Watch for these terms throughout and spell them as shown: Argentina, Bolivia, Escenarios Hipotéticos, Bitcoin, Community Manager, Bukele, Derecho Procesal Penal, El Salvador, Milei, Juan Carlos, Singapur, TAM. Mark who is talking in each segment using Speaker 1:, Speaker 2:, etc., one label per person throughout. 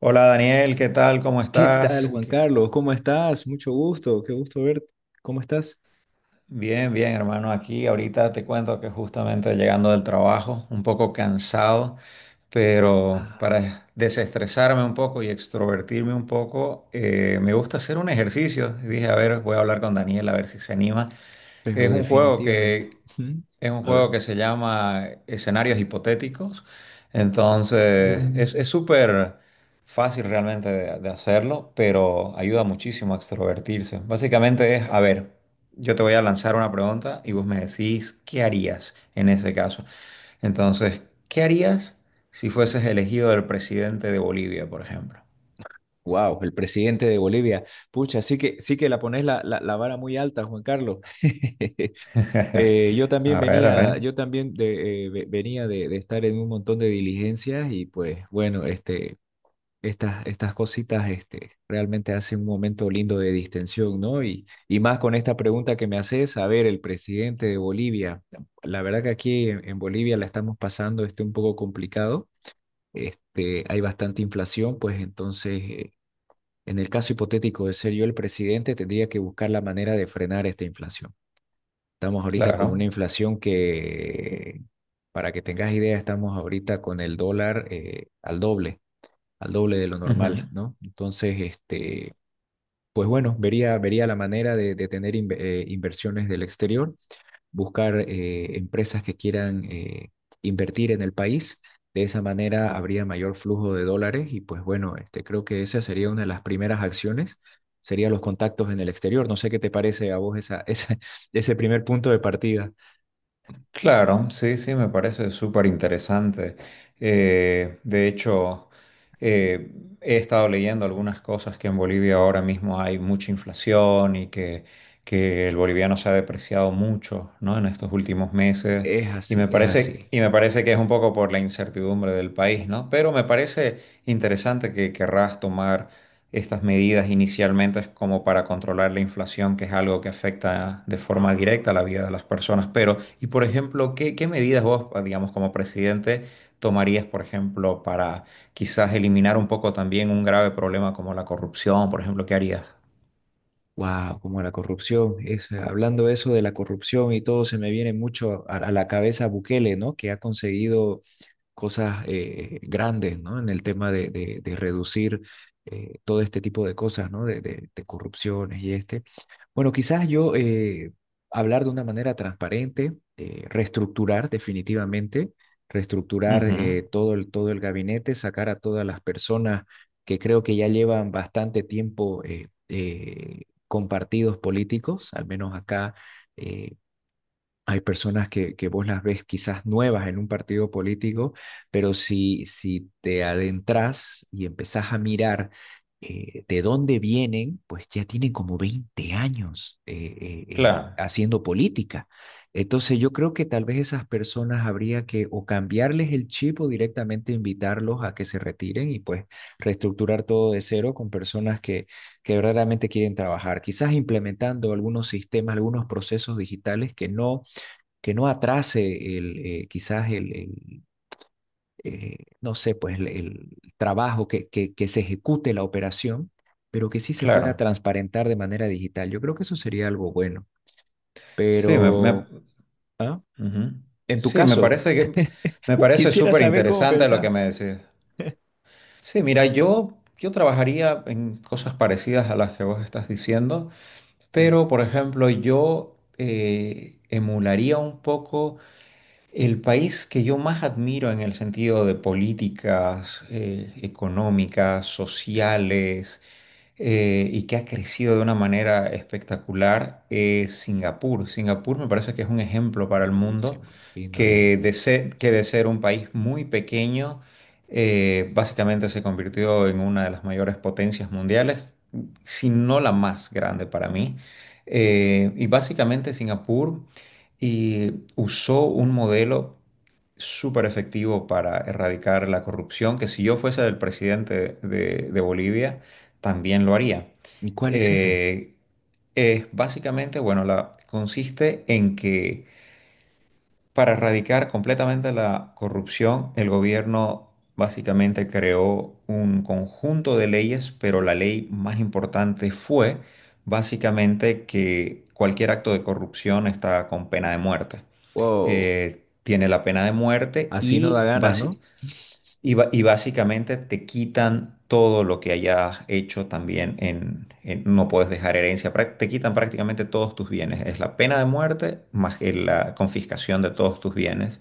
Speaker 1: Hola Daniel, ¿qué tal? ¿Cómo
Speaker 2: ¿Qué tal,
Speaker 1: estás?
Speaker 2: Juan
Speaker 1: ¿Qué-
Speaker 2: Carlos? ¿Cómo estás? Mucho gusto, qué gusto verte. ¿Cómo estás?
Speaker 1: Bien, bien, hermano. Aquí ahorita te cuento que justamente llegando del trabajo, un poco cansado, pero
Speaker 2: Ah,
Speaker 1: para desestresarme un poco y extrovertirme un poco, me gusta hacer un ejercicio. Y dije, a ver, voy a hablar con Daniel a ver si se anima. Es
Speaker 2: pero
Speaker 1: un juego
Speaker 2: definitivamente.
Speaker 1: que
Speaker 2: Ujú.
Speaker 1: es un
Speaker 2: A
Speaker 1: juego
Speaker 2: ver.
Speaker 1: que se llama Escenarios Hipotéticos. Entonces, es súper fácil realmente de hacerlo, pero ayuda muchísimo a extrovertirse. Básicamente es, a ver, yo te voy a lanzar una pregunta y vos me decís qué harías en ese caso. Entonces, ¿qué harías si fueses elegido el presidente de Bolivia, por ejemplo?
Speaker 2: Wow, el presidente de Bolivia. Pucha, sí que la pones la vara muy alta, Juan Carlos. Yo también
Speaker 1: A ver,
Speaker 2: venía, yo también de, ve- venía de estar en un montón de diligencias y pues bueno, este, estas cositas este, realmente hacen un momento lindo de distensión, ¿no? Y más con esta pregunta que me haces, a ver, el presidente de Bolivia. La verdad que aquí en Bolivia la estamos pasando este, un poco complicado, este, hay bastante inflación, pues entonces, en el caso hipotético de ser yo el presidente, tendría que buscar la manera de frenar esta inflación. Estamos ahorita con una
Speaker 1: claro.
Speaker 2: inflación que, para que tengas idea, estamos ahorita con el dólar al doble, al doble de lo normal, ¿no? Entonces, este, pues bueno, vería, vería la manera de tener inversiones del exterior, buscar empresas que quieran invertir en el país. De esa manera habría mayor flujo de dólares y pues bueno, este, creo que esa sería una de las primeras acciones, serían los contactos en el exterior. No sé qué te parece a vos ese primer punto de partida.
Speaker 1: Claro, sí, sí, me parece súper interesante. De hecho, eh, he estado leyendo algunas cosas que en Bolivia ahora mismo hay mucha inflación y que el boliviano se ha depreciado mucho, ¿no? En estos últimos meses.
Speaker 2: Es así, es así.
Speaker 1: Y me parece que es un poco por la incertidumbre del país, ¿no? Pero me parece interesante que querrás tomar estas medidas inicialmente es como para controlar la inflación, que es algo que afecta de forma directa la vida de las personas. Pero, y por ejemplo, ¿qué medidas vos, digamos, como presidente, tomarías, por ejemplo, para quizás eliminar un poco también un grave problema como la corrupción? Por ejemplo, ¿qué harías?
Speaker 2: Wow, como la corrupción. Es, hablando eso de la corrupción y todo, se me viene mucho a la cabeza Bukele, ¿no? Que ha conseguido cosas grandes, ¿no? En el tema de reducir todo este tipo de cosas, ¿no? De corrupciones y este. Bueno, quizás yo hablar de una manera transparente, reestructurar definitivamente, reestructurar
Speaker 1: Ujú,
Speaker 2: todo el gabinete, sacar a todas las personas que creo que ya llevan bastante tiempo con partidos políticos, al menos acá eh, hay personas que vos las ves quizás nuevas en un partido político, pero si te adentras y empezás a mirar de dónde vienen, pues ya tienen como 20 años
Speaker 1: claro,
Speaker 2: haciendo política. Entonces yo creo que tal vez esas personas habría que o cambiarles el chip o directamente invitarlos a que se retiren y pues reestructurar todo de cero con personas que verdaderamente quieren trabajar, quizás implementando algunos sistemas, algunos procesos digitales que no atrase el, quizás el, no sé, pues el trabajo que se ejecute la operación, pero que sí se pueda
Speaker 1: claro.
Speaker 2: transparentar de manera digital. Yo creo que eso sería algo bueno.
Speaker 1: Sí,
Speaker 2: Pero, ¿ah?
Speaker 1: ujú.
Speaker 2: En tu
Speaker 1: Sí,
Speaker 2: caso,
Speaker 1: me parece
Speaker 2: quisiera
Speaker 1: súper
Speaker 2: saber cómo
Speaker 1: interesante lo que
Speaker 2: pensás.
Speaker 1: me decís. Sí, mira, yo trabajaría en cosas parecidas a las que vos estás diciendo.
Speaker 2: Sí.
Speaker 1: Pero, por ejemplo, yo emularía un poco el país que yo más admiro en el sentido de políticas económicas, sociales, y que ha crecido de una manera espectacular es Singapur. Singapur me parece que es un ejemplo para el mundo
Speaker 2: Lindísimo, lindo, lindo.
Speaker 1: que de ser un país muy pequeño, básicamente se convirtió en una de las mayores potencias mundiales, si no la más grande para mí. Y básicamente Singapur usó un modelo súper efectivo para erradicar la corrupción, que si yo fuese el presidente de Bolivia, también lo haría.
Speaker 2: ¿Y cuál es ese?
Speaker 1: Eh, es básicamente, bueno, consiste en que para erradicar completamente la corrupción, el gobierno básicamente creó un conjunto de leyes, pero la ley más importante fue básicamente que cualquier acto de corrupción está con pena de muerte.
Speaker 2: Wow,
Speaker 1: Tiene la pena de muerte
Speaker 2: así no da ganas, ¿no?
Speaker 1: y básicamente te quitan todo lo que hayas hecho también no puedes dejar herencia, te quitan prácticamente todos tus bienes. Es la pena de muerte más que la confiscación de todos tus bienes.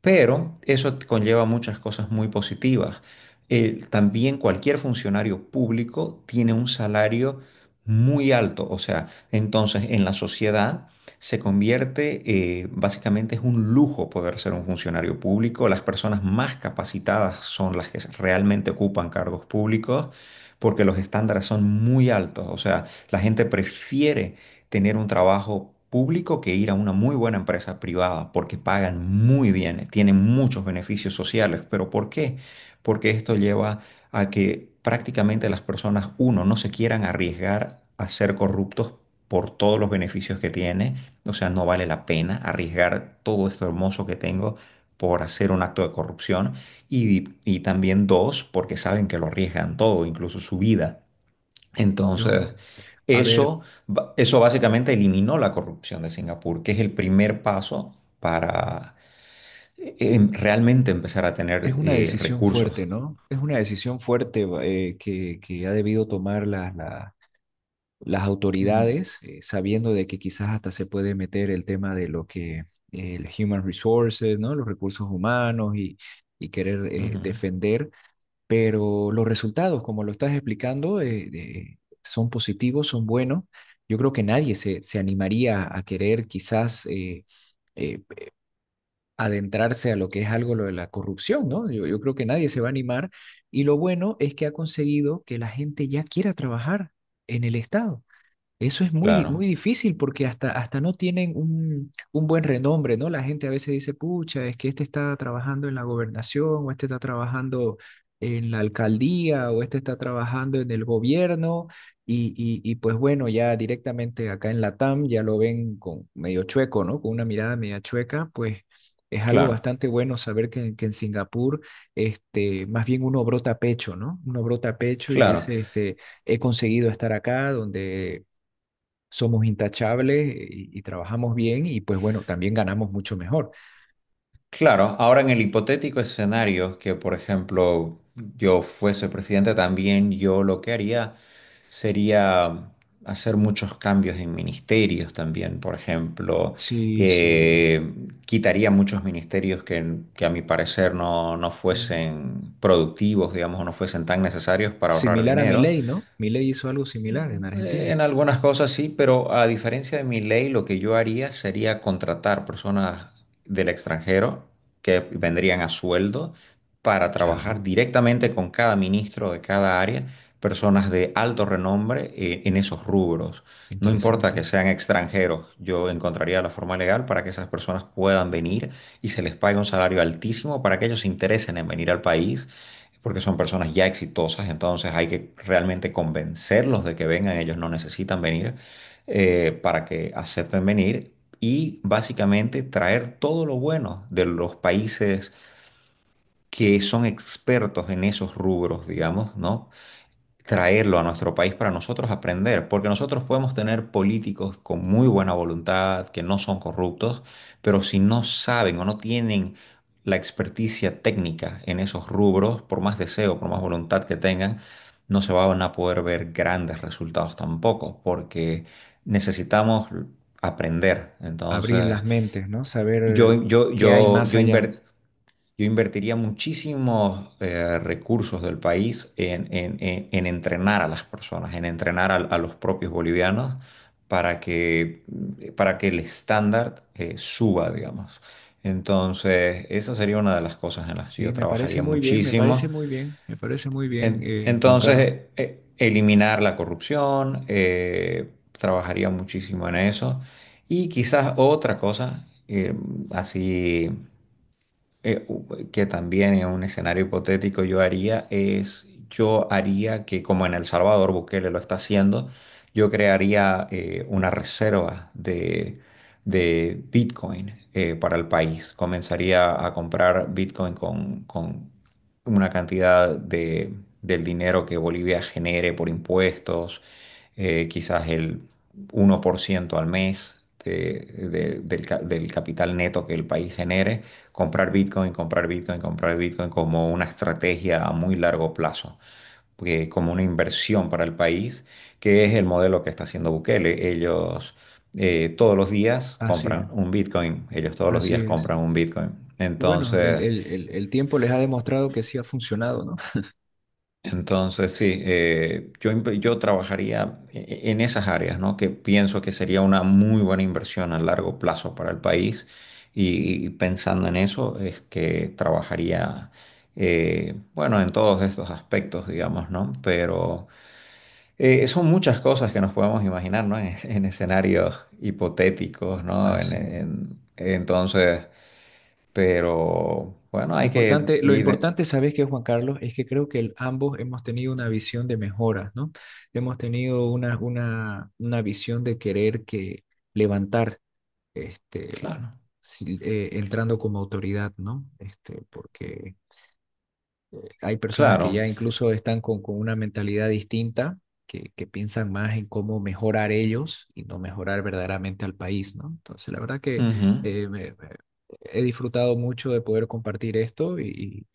Speaker 1: Pero eso conlleva muchas cosas muy positivas. También cualquier funcionario público tiene un salario muy alto, o sea, entonces en la sociedad se convierte, básicamente es un lujo poder ser un funcionario público. Las personas más capacitadas son las que realmente ocupan cargos públicos porque los estándares son muy altos, o sea, la gente prefiere tener un trabajo público que ir a una muy buena empresa privada, porque pagan muy bien, tienen muchos beneficios sociales. ¿Pero por qué? Porque esto lleva a que prácticamente las personas, uno, no se quieran arriesgar a ser corruptos por todos los beneficios que tiene, o sea, no vale la pena arriesgar todo esto hermoso que tengo por hacer un acto de corrupción y también dos, porque saben que lo arriesgan todo, incluso su vida.
Speaker 2: Yo,
Speaker 1: Entonces,
Speaker 2: a ver,
Speaker 1: eso básicamente eliminó la corrupción de Singapur, que es el primer paso para realmente empezar a
Speaker 2: es
Speaker 1: tener
Speaker 2: una decisión
Speaker 1: recursos.
Speaker 2: fuerte, ¿no? Es una decisión fuerte que ha debido tomar las, las autoridades, sabiendo de que quizás hasta se puede meter el tema de lo que el human resources, ¿no? Los recursos humanos y querer
Speaker 1: Ujú, ujú.
Speaker 2: defender, pero los resultados, como lo estás explicando, son positivos, son buenos. Yo creo que nadie se animaría a querer quizás eh, adentrarse a lo que es algo lo de la corrupción, ¿no? Yo creo que nadie se va a animar. Y lo bueno es que ha conseguido que la gente ya quiera trabajar en el Estado. Eso es muy, muy
Speaker 1: Claro,
Speaker 2: difícil porque hasta no tienen un buen renombre, ¿no? La gente a veces dice, pucha, es que este está trabajando en la gobernación, o este está trabajando en la alcaldía, o este está trabajando en el gobierno, y pues bueno, ya directamente acá en la TAM ya lo ven con medio chueco, ¿no? Con una mirada media chueca, pues es algo
Speaker 1: claro,
Speaker 2: bastante bueno saber que en Singapur, este, más bien uno brota pecho, ¿no? Uno brota pecho y
Speaker 1: claro.
Speaker 2: dice, este he conseguido estar acá, donde somos intachables y trabajamos bien y pues bueno, también ganamos mucho mejor.
Speaker 1: Claro, ahora en el hipotético escenario que, por ejemplo, yo fuese presidente también, yo lo que haría sería hacer muchos cambios en ministerios también, por ejemplo,
Speaker 2: Sí, sí.
Speaker 1: eh, quitaría muchos ministerios que a mi parecer no
Speaker 2: Mm,
Speaker 1: fuesen productivos, digamos, o no fuesen tan necesarios para ahorrar
Speaker 2: Similar a
Speaker 1: dinero
Speaker 2: Milei, ¿no? Milei hizo algo similar en Argentina.
Speaker 1: en algunas cosas sí, pero a diferencia de mi ley, lo que yo haría sería contratar personas del extranjero que vendrían a sueldo para
Speaker 2: Ya,
Speaker 1: trabajar directamente con cada ministro de cada área, personas de alto renombre en esos rubros. No importa que
Speaker 2: interesante.
Speaker 1: sean extranjeros, yo encontraría la forma legal para que esas personas puedan venir y se les pague un salario altísimo para que ellos se interesen en venir al país porque son personas ya exitosas, entonces hay que realmente convencerlos de que vengan, ellos no necesitan venir para que acepten venir y básicamente traer todo lo bueno de los países que son expertos en esos rubros, digamos, ¿no? Traerlo a nuestro país para nosotros aprender, porque nosotros podemos tener políticos con muy buena voluntad, que no son corruptos, pero si no saben o no tienen la experticia técnica en esos rubros, por más deseo, por más voluntad que tengan, no se van a poder ver grandes resultados tampoco, porque necesitamos aprender.
Speaker 2: Abrir
Speaker 1: Entonces,
Speaker 2: las mentes, ¿no? Saber qué hay más
Speaker 1: yo
Speaker 2: allá.
Speaker 1: invertí. Yo invertiría muchísimos recursos del país en entrenar a las personas, en entrenar a los propios bolivianos para que, para que el estándar suba, digamos. Entonces, esa sería una de las cosas en las que
Speaker 2: Sí,
Speaker 1: yo
Speaker 2: me parece
Speaker 1: trabajaría
Speaker 2: muy bien, me parece
Speaker 1: muchísimo.
Speaker 2: muy bien, me parece muy bien, Juan
Speaker 1: Entonces,
Speaker 2: Carlos.
Speaker 1: eliminar la corrupción, trabajaría muchísimo en eso. Y quizás otra cosa, así que también en un escenario hipotético yo haría es, yo haría que como en El Salvador Bukele lo está haciendo, yo crearía una reserva de Bitcoin para el país. Comenzaría a comprar Bitcoin con una cantidad del dinero que Bolivia genere por impuestos, quizás el 1% al mes del, del capital neto que el país genere, comprar Bitcoin, comprar Bitcoin, comprar Bitcoin como una estrategia a muy largo plazo, porque como una inversión para el país, que es el modelo que está haciendo Bukele. Ellos todos los días
Speaker 2: Así es,
Speaker 1: compran un Bitcoin, ellos todos los
Speaker 2: así
Speaker 1: días
Speaker 2: es.
Speaker 1: compran un Bitcoin.
Speaker 2: Y bueno, el,
Speaker 1: Entonces,
Speaker 2: el, el, el tiempo les ha demostrado que sí ha funcionado, ¿no?
Speaker 1: Entonces, sí, yo trabajaría en esas áreas, ¿no? Que pienso que sería una muy buena inversión a largo plazo para el país. Y pensando en eso, es que trabajaría, bueno, en todos estos aspectos, digamos, ¿no? Pero son muchas cosas que nos podemos imaginar, ¿no? En escenarios hipotéticos, ¿no?
Speaker 2: Así
Speaker 1: Entonces, pero bueno, hay que
Speaker 2: Lo
Speaker 1: ir,
Speaker 2: importante, ¿sabes qué, Juan Carlos? Es que creo que ambos hemos tenido una visión de mejoras, ¿no? Hemos tenido una visión de querer que levantar, este,
Speaker 1: claro,
Speaker 2: entrando como autoridad, ¿no? Este, porque hay personas que
Speaker 1: claro.
Speaker 2: ya incluso están con una mentalidad distinta, que piensan más en cómo mejorar ellos y no mejorar verdaderamente al país, ¿no? Entonces, la verdad que
Speaker 1: Ujú,
Speaker 2: eh, me- me- he disfrutado mucho de poder compartir esto y,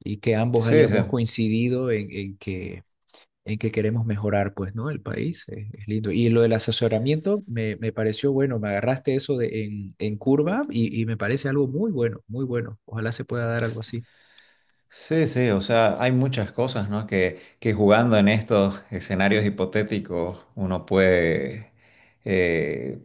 Speaker 2: y que ambos
Speaker 1: sí, sí.
Speaker 2: hayamos coincidido en que queremos mejorar, pues, ¿no? El país es lindo. Y lo del asesoramiento me pareció bueno, me agarraste eso de, en curva y me parece algo muy bueno, muy bueno. Ojalá se pueda dar
Speaker 1: Pues,
Speaker 2: algo así.
Speaker 1: sí, sí, o sea, hay muchas cosas, ¿no? Que jugando en estos escenarios hipotéticos uno puede eh,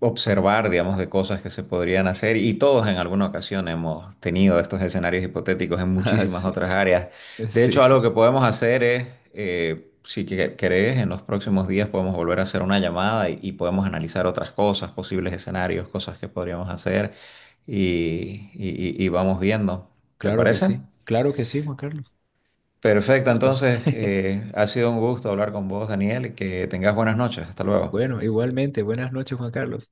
Speaker 1: observar, digamos, de cosas que se podrían hacer y todos en alguna ocasión hemos tenido estos escenarios hipotéticos en
Speaker 2: Ah,
Speaker 1: muchísimas
Speaker 2: sí,
Speaker 1: otras áreas. De
Speaker 2: sí,
Speaker 1: hecho, algo
Speaker 2: sí.
Speaker 1: que podemos hacer es, si querés, en los próximos días podemos volver a hacer una llamada y podemos analizar otras cosas, posibles escenarios, cosas que podríamos hacer y vamos viendo. ¿Te
Speaker 2: Claro que
Speaker 1: parece?
Speaker 2: sí, claro que sí, Juan Carlos.
Speaker 1: Perfecto,
Speaker 2: Justo.
Speaker 1: entonces ha sido un gusto hablar con vos, Daniel, y que tengas buenas noches. Hasta luego.
Speaker 2: Bueno, igualmente, buenas noches, Juan Carlos.